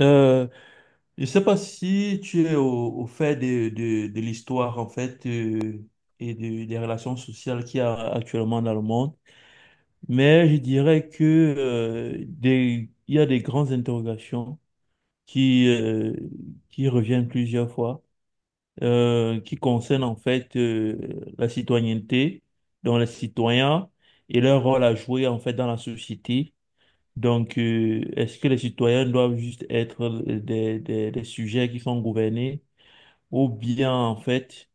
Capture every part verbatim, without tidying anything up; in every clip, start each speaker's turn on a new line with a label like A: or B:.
A: Euh, je ne sais pas si tu es au, au fait de, de, de l'histoire, en fait, euh, et de- des relations sociales qu'il y a actuellement dans le monde, mais je dirais que, euh, des, il y a des grandes interrogations qui, euh, qui reviennent plusieurs fois, euh, qui concernent, en fait, euh, la citoyenneté, dont les citoyens et leur rôle à jouer, en fait, dans la société. Donc, euh, est-ce que les citoyens doivent juste être euh, des, des, des sujets qui sont gouvernés ou bien, en fait,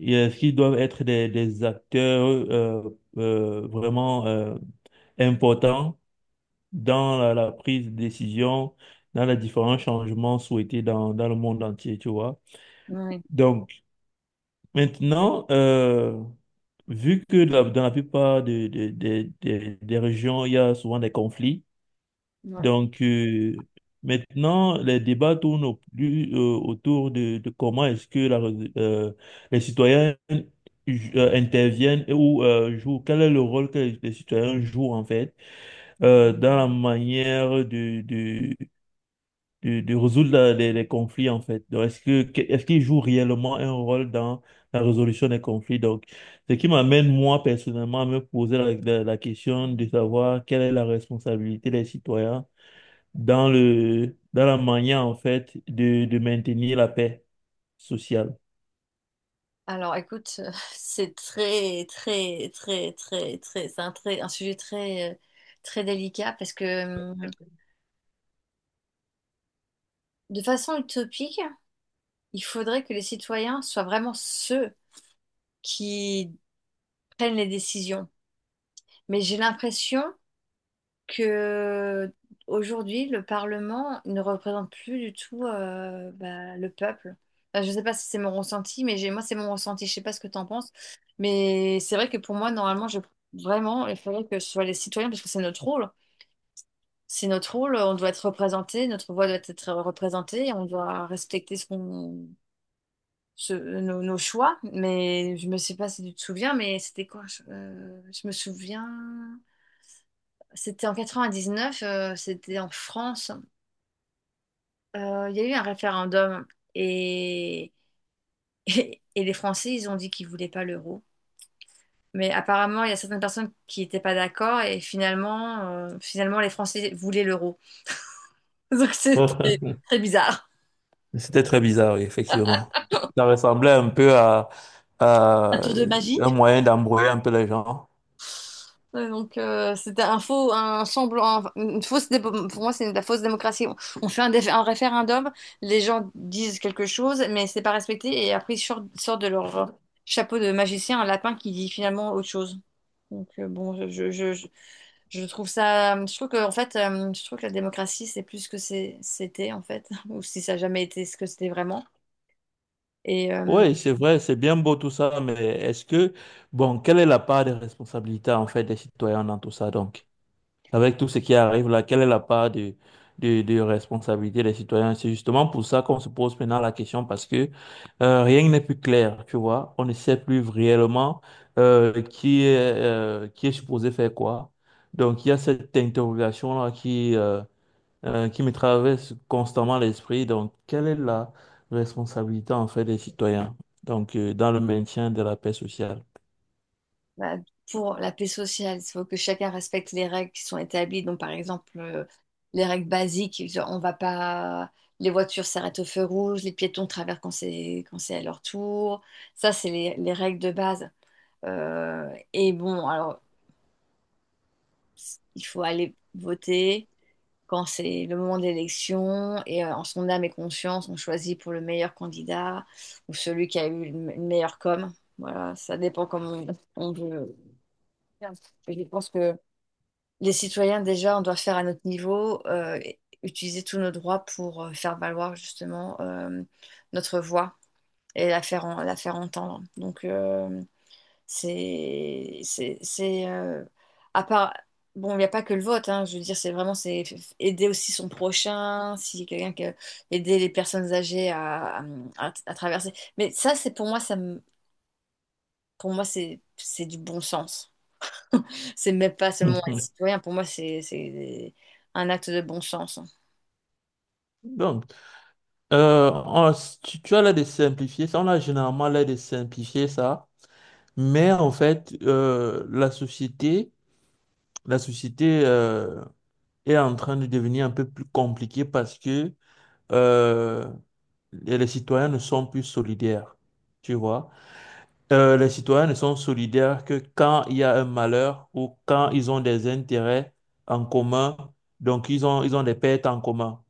A: est-ce qu'ils doivent être des, des acteurs euh, euh, vraiment euh, importants dans la, la prise de décision, dans les différents changements souhaités dans, dans le monde entier, tu vois?
B: Oui,
A: Donc, maintenant, euh, vu que la- dans la plupart des des des- des- des régions, il y a souvent des conflits.
B: oui.
A: Donc, euh, maintenant, les débats tournent au plus, euh, autour de, de comment est-ce que la, euh, les citoyens ju- euh, interviennent et ou euh, jouent, quel est le rôle que les, les citoyens jouent en fait euh, dans la manière de, de, de, de résoudre la- les, les conflits en fait. Donc, est-ce que, que- est-ce qu'ils jouent réellement un rôle dans la résolution des conflits? Donc, ce qui m'amène moi personnellement à me poser la la- la question de savoir quelle est la responsabilité des citoyens dans le, dans la manière, en fait, de, de maintenir la paix sociale.
B: Alors, écoute, euh, c'est très, très, très, très, très, c'est un, très, un sujet très, euh, très délicat parce que, hum, de façon utopique, il faudrait que les citoyens soient vraiment ceux qui prennent les décisions. Mais j'ai l'impression que aujourd'hui le Parlement ne représente plus du tout euh, bah, le peuple. Enfin, je ne sais pas si c'est mon ressenti, mais j'ai, moi c'est mon ressenti. Je ne sais pas ce que tu en penses, mais c'est vrai que pour moi normalement je vraiment il faudrait que ce soit les citoyens parce que c'est notre rôle. C'est notre rôle, on doit être représenté, notre voix doit être représentée, on doit respecter ce qu'on, ce- nos, nos choix. Mais je me sais pas si tu te souviens, mais c'était quoi? Je, euh, je me souviens, c'était en quatre-vingt-dix-neuf, euh, c'était en France. Euh, Il y a eu un référendum et, et, les Français, ils ont dit qu'ils voulaient pas l'euro. Mais apparemment, il y a certaines personnes qui n'étaient pas d'accord et finalement, euh, finalement, les Français voulaient l'euro. Donc c'est très, très bizarre.
A: C'était très bizarre, oui, effectivement. Ça ressemblait un peu à,
B: Un
A: à
B: tour de magie?
A: un moyen d'embrouiller un peu les gens.
B: Ouais, donc euh, c'était un faux, un semblant, une fausse dé- pour moi c'est de la fausse démocratie. On, on fait un, dé- un référendum, les gens disent quelque chose, mais c'est pas respecté et après ils sortent, sortent de leur chapeau de magicien un lapin qui dit finalement autre chose. Donc euh, bon, je, je, je, je- trouve ça, je trouve que en fait, euh, je trouve que la démocratie c'est plus ce que c'est- c'était en fait, ou si ça a jamais été ce que c'était vraiment. Et euh,
A: Oui, c'est vrai, c'est bien beau tout ça, mais est-ce que, bon, quelle est la part de responsabilité, en fait, des citoyens dans tout ça, donc? Avec tout ce qui arrive là, quelle est la part de, de, de responsabilité des citoyens? C'est justement pour ça qu'on se pose maintenant la question parce que euh, rien n'est plus clair, tu vois. On ne sait plus réellement euh, qui est, euh, qui est supposé faire quoi. Donc, il y a cette interrogation-là qui, euh, euh, qui me traverse constamment l'esprit. Donc, quelle est la responsabilité en fait des citoyens? Donc, euh, dans le maintien de la paix sociale.
B: bah, pour la paix sociale, il faut que chacun respecte les règles qui sont établies. Donc, par exemple, euh, les règles basiques, genre, on va pas, les voitures s'arrêtent au feu rouge, les piétons traversent quand c'est quand c'est à leur tour. Ça, c'est les, les règles de base. Euh, et bon, alors, il faut aller voter quand c'est le moment de l'élection et euh, en son âme et conscience, on choisit pour le meilleur candidat ou celui qui a eu une meilleure com. Voilà, ça dépend comment on, on veut. Et je pense que les citoyens, déjà, on doit faire à notre niveau, euh, et utiliser tous nos droits pour euh, faire valoir justement euh, notre voix et la faire, en- la faire entendre. Donc, euh, c'est, c'est, c'est, euh, à part, bon, il n'y a pas que le vote, hein, je veux dire, c'est vraiment, c'est f- aider aussi son prochain, si quelqu'un que, aider les personnes âgées à, à, à traverser. Mais ça, c'est pour moi, ça me- pour moi, c'est, c'est du bon sens. C'est même pas seulement être citoyen, pour moi, c'est c'est un acte de bon sens. Hein.
A: Donc, Euh, on- tu, tu as l'air de simplifier ça, on a généralement l'air de simplifier ça, mais en fait, euh, la société, la société euh, est en train de devenir un peu plus compliquée parce que euh, les les citoyens ne sont plus solidaires, tu vois. Euh, les citoyens ne sont solidaires que quand il y a un malheur ou quand ils ont des intérêts en commun, donc ils ont, ils ont des pertes en commun.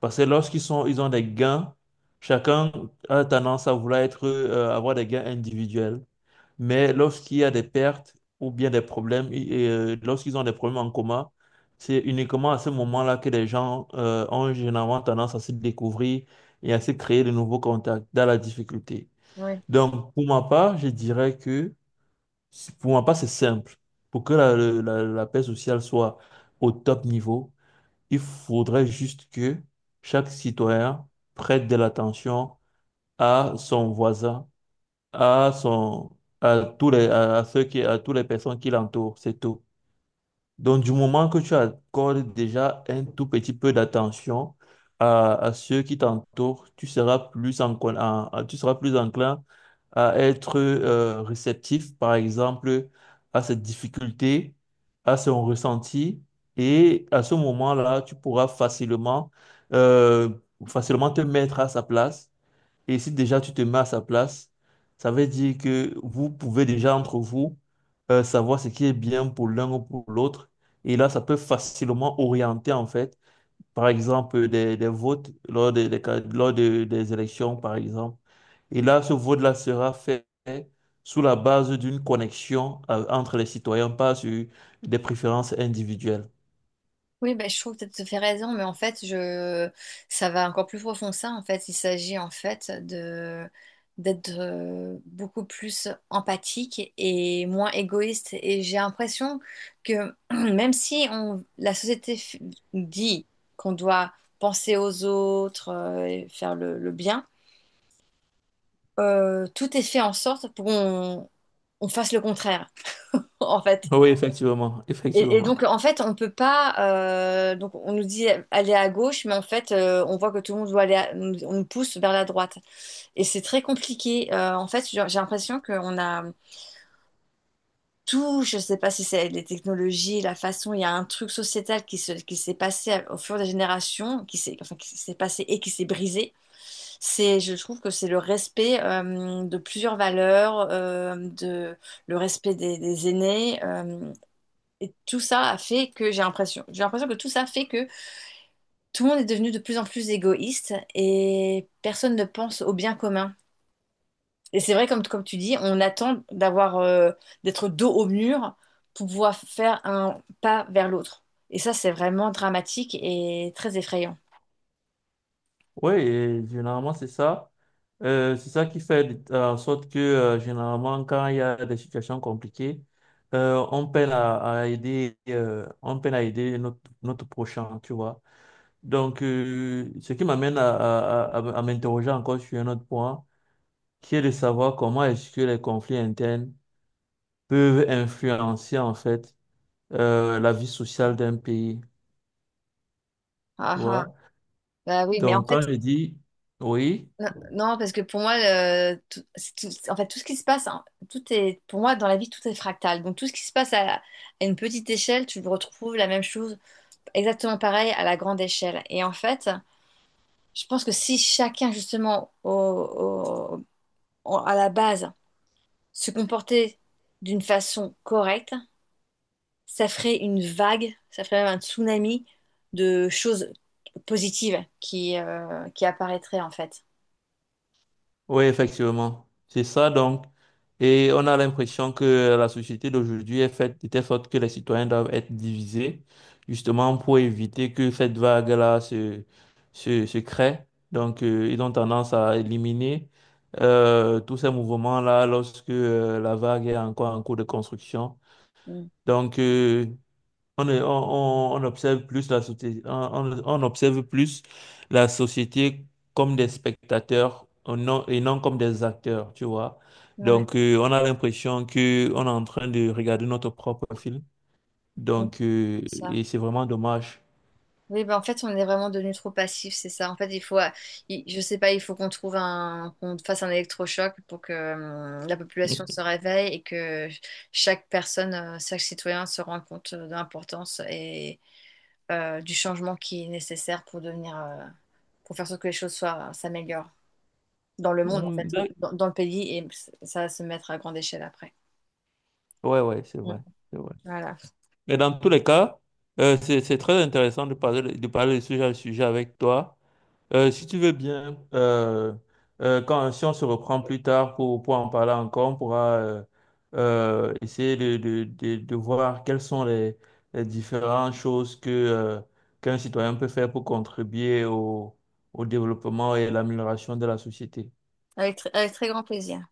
A: Parce que lorsqu'ils sont, ils ont des gains, chacun a tendance à vouloir être, euh, avoir des gains individuels. Mais lorsqu'il y a des pertes ou bien des problèmes, i- et, euh, lorsqu'ils ont des problèmes en commun, c'est uniquement à ce moment-là que les gens euh, ont généralement tendance à se découvrir et à se créer de nouveaux contacts dans la difficulté.
B: Oui.
A: Donc, pour ma part, je dirais que, pour ma part, c'est simple. Pour que la, le- la, la paix sociale soit au top niveau, il faudrait juste que chaque citoyen prête de l'attention à son voisin, à son, à tous les, à à ceux qui, à toutes les personnes qui l'entourent. C'est tout. Donc, du moment que tu accordes déjà un tout petit peu d'attention à, à ceux qui t'entourent, tu seras plus enclin, à- à- tu seras plus enclin à être euh, réceptif, par exemple, à cette difficulté, à son ressenti. Et à ce moment-là, tu pourras facilement, euh, facilement te mettre à sa place et si déjà tu te mets à sa place, ça veut dire que vous pouvez déjà entre vous euh, savoir ce qui est bien pour l'un ou pour l'autre. Et là, ça peut facilement orienter, en fait, par exemple, des, des votes lors des, des ca- lors de- des élections, par exemple. Et là, ce vote-là sera fait sous la base d'une connexion euh, entre les citoyens, pas sur des préférences individuelles.
B: Oui, ben, je trouve que tu as fait raison, mais en fait, je... ça va encore plus profond que ça. En fait, il s'agit en fait de d'être euh, beaucoup plus empathique et moins égoïste. Et j'ai l'impression que même si on... la société f- dit qu'on doit penser aux autres euh, et faire le, le bien, euh, tout est fait en sorte pour qu'on on fasse le contraire. En fait,
A: Oui, effectivement,
B: Et, et
A: effectivement.
B: donc, en fait, on peut pas. Euh, donc, on nous dit aller à gauche, mais en fait, euh, on voit que tout le monde doit aller. À- nous- on nous pousse vers la droite. Et c'est très compliqué. Euh, en fait, j'ai j'ai l'impression qu'on a tout. Je sais pas si c'est les technologies, la façon. Il y a un truc sociétal qui se, qui s'est passé à- au fur des générations, qui s'est, enfin, qui s'est passé et qui s'est brisé. C'est, je trouve que c'est le respect euh, de plusieurs valeurs, euh, de le respect des, des aînés. Euh, et tout ça a fait que j'ai l'impression, j'ai l'impression que tout ça fait que tout le monde est devenu de plus en plus égoïste et personne ne pense au bien commun. Et c'est vrai, comme, comme tu dis, on attend d'avoir, euh, d'être dos au mur pour pouvoir faire un pas vers l'autre. Et ça, c'est vraiment dramatique et très effrayant.
A: Oui, et généralement, c'est ça. Euh, c'est ça qui fait de- euh, en sorte que, euh, généralement, quand il y a des situations compliquées, euh, on peine à, à aider, euh, on peine à aider notre, notre prochain, tu vois. Donc, euh, ce qui m'amène à, à, à, à m'interroger encore sur un autre point, qui est de savoir comment est-ce que les conflits internes peuvent influencer, en fait, euh, la vie sociale d'un pays, tu
B: Ah ah,
A: vois.
B: bah oui, mais en
A: Donc,
B: fait,
A: quand je dis, oui.
B: n- non, parce que pour moi, euh, tout, c'est tout- en fait, tout ce qui se passe, hein, tout est, pour moi, dans la vie, tout est fractal. Donc, tout ce qui se passe à, à une petite échelle, tu retrouves la même chose exactement pareil à la grande échelle. Et en fait, je pense que si chacun, justement, au- au- au- à la base, se comportait d'une façon correcte, ça ferait une vague, ça ferait même un tsunami de choses positives qui, euh, qui apparaîtraient, en fait.
A: Oui, effectivement. C'est ça donc. Et on a l'impression que la société d'aujourd'hui est faite de telle sorte que les citoyens doivent être divisés, justement pour éviter que cette vague-là se, se, se crée. Donc, euh, ils ont tendance à éliminer euh, tous ces mouvements-là lorsque euh, la vague est encore en cours de construction.
B: Mm.
A: Donc, euh, on, est- on, on- on observe plus la société, on, on- on observe plus la société comme des spectateurs euh, non- et non comme des acteurs, tu vois.
B: Ouais.
A: Donc, euh, on a l'impression que on est en train de regarder notre propre film.
B: Donc,
A: Donc, euh,
B: c'est ça.
A: et c'est vraiment dommage.
B: Oui, ben en fait, on est vraiment devenu trop passif, c'est ça. En fait, il faut, euh, il- je sais pas, il faut qu'on trouve un, qu'on fasse un électrochoc pour que euh, la population se réveille et que chaque personne, euh, chaque citoyen se rende compte euh, de l'importance et euh, du changement qui est nécessaire pour devenir, euh, pour faire en sorte que les choses soient, s'améliorent dans le monde, en fait,
A: Mm, d'ac-
B: dans, dans le pays et ça va se mettre à grande échelle après.
A: ouais, ouais, c'est
B: Mm.
A: vrai, c'est vrai.
B: Voilà.
A: Mais dans tous les cas, euh, c'est c'est très intéressant de parler de parler de sujet à sujet avec toi. Euh, si tu veux bien, euh, euh, quand, Si on se reprend plus tard pour, pour en parler encore, on pourra euh, euh, essayer de, de, de, de voir quelles sont les, les différentes choses que, euh, qu'un citoyen peut faire pour contribuer au, au développement et à l'amélioration de la société.
B: Avec, tr- avec très grand plaisir.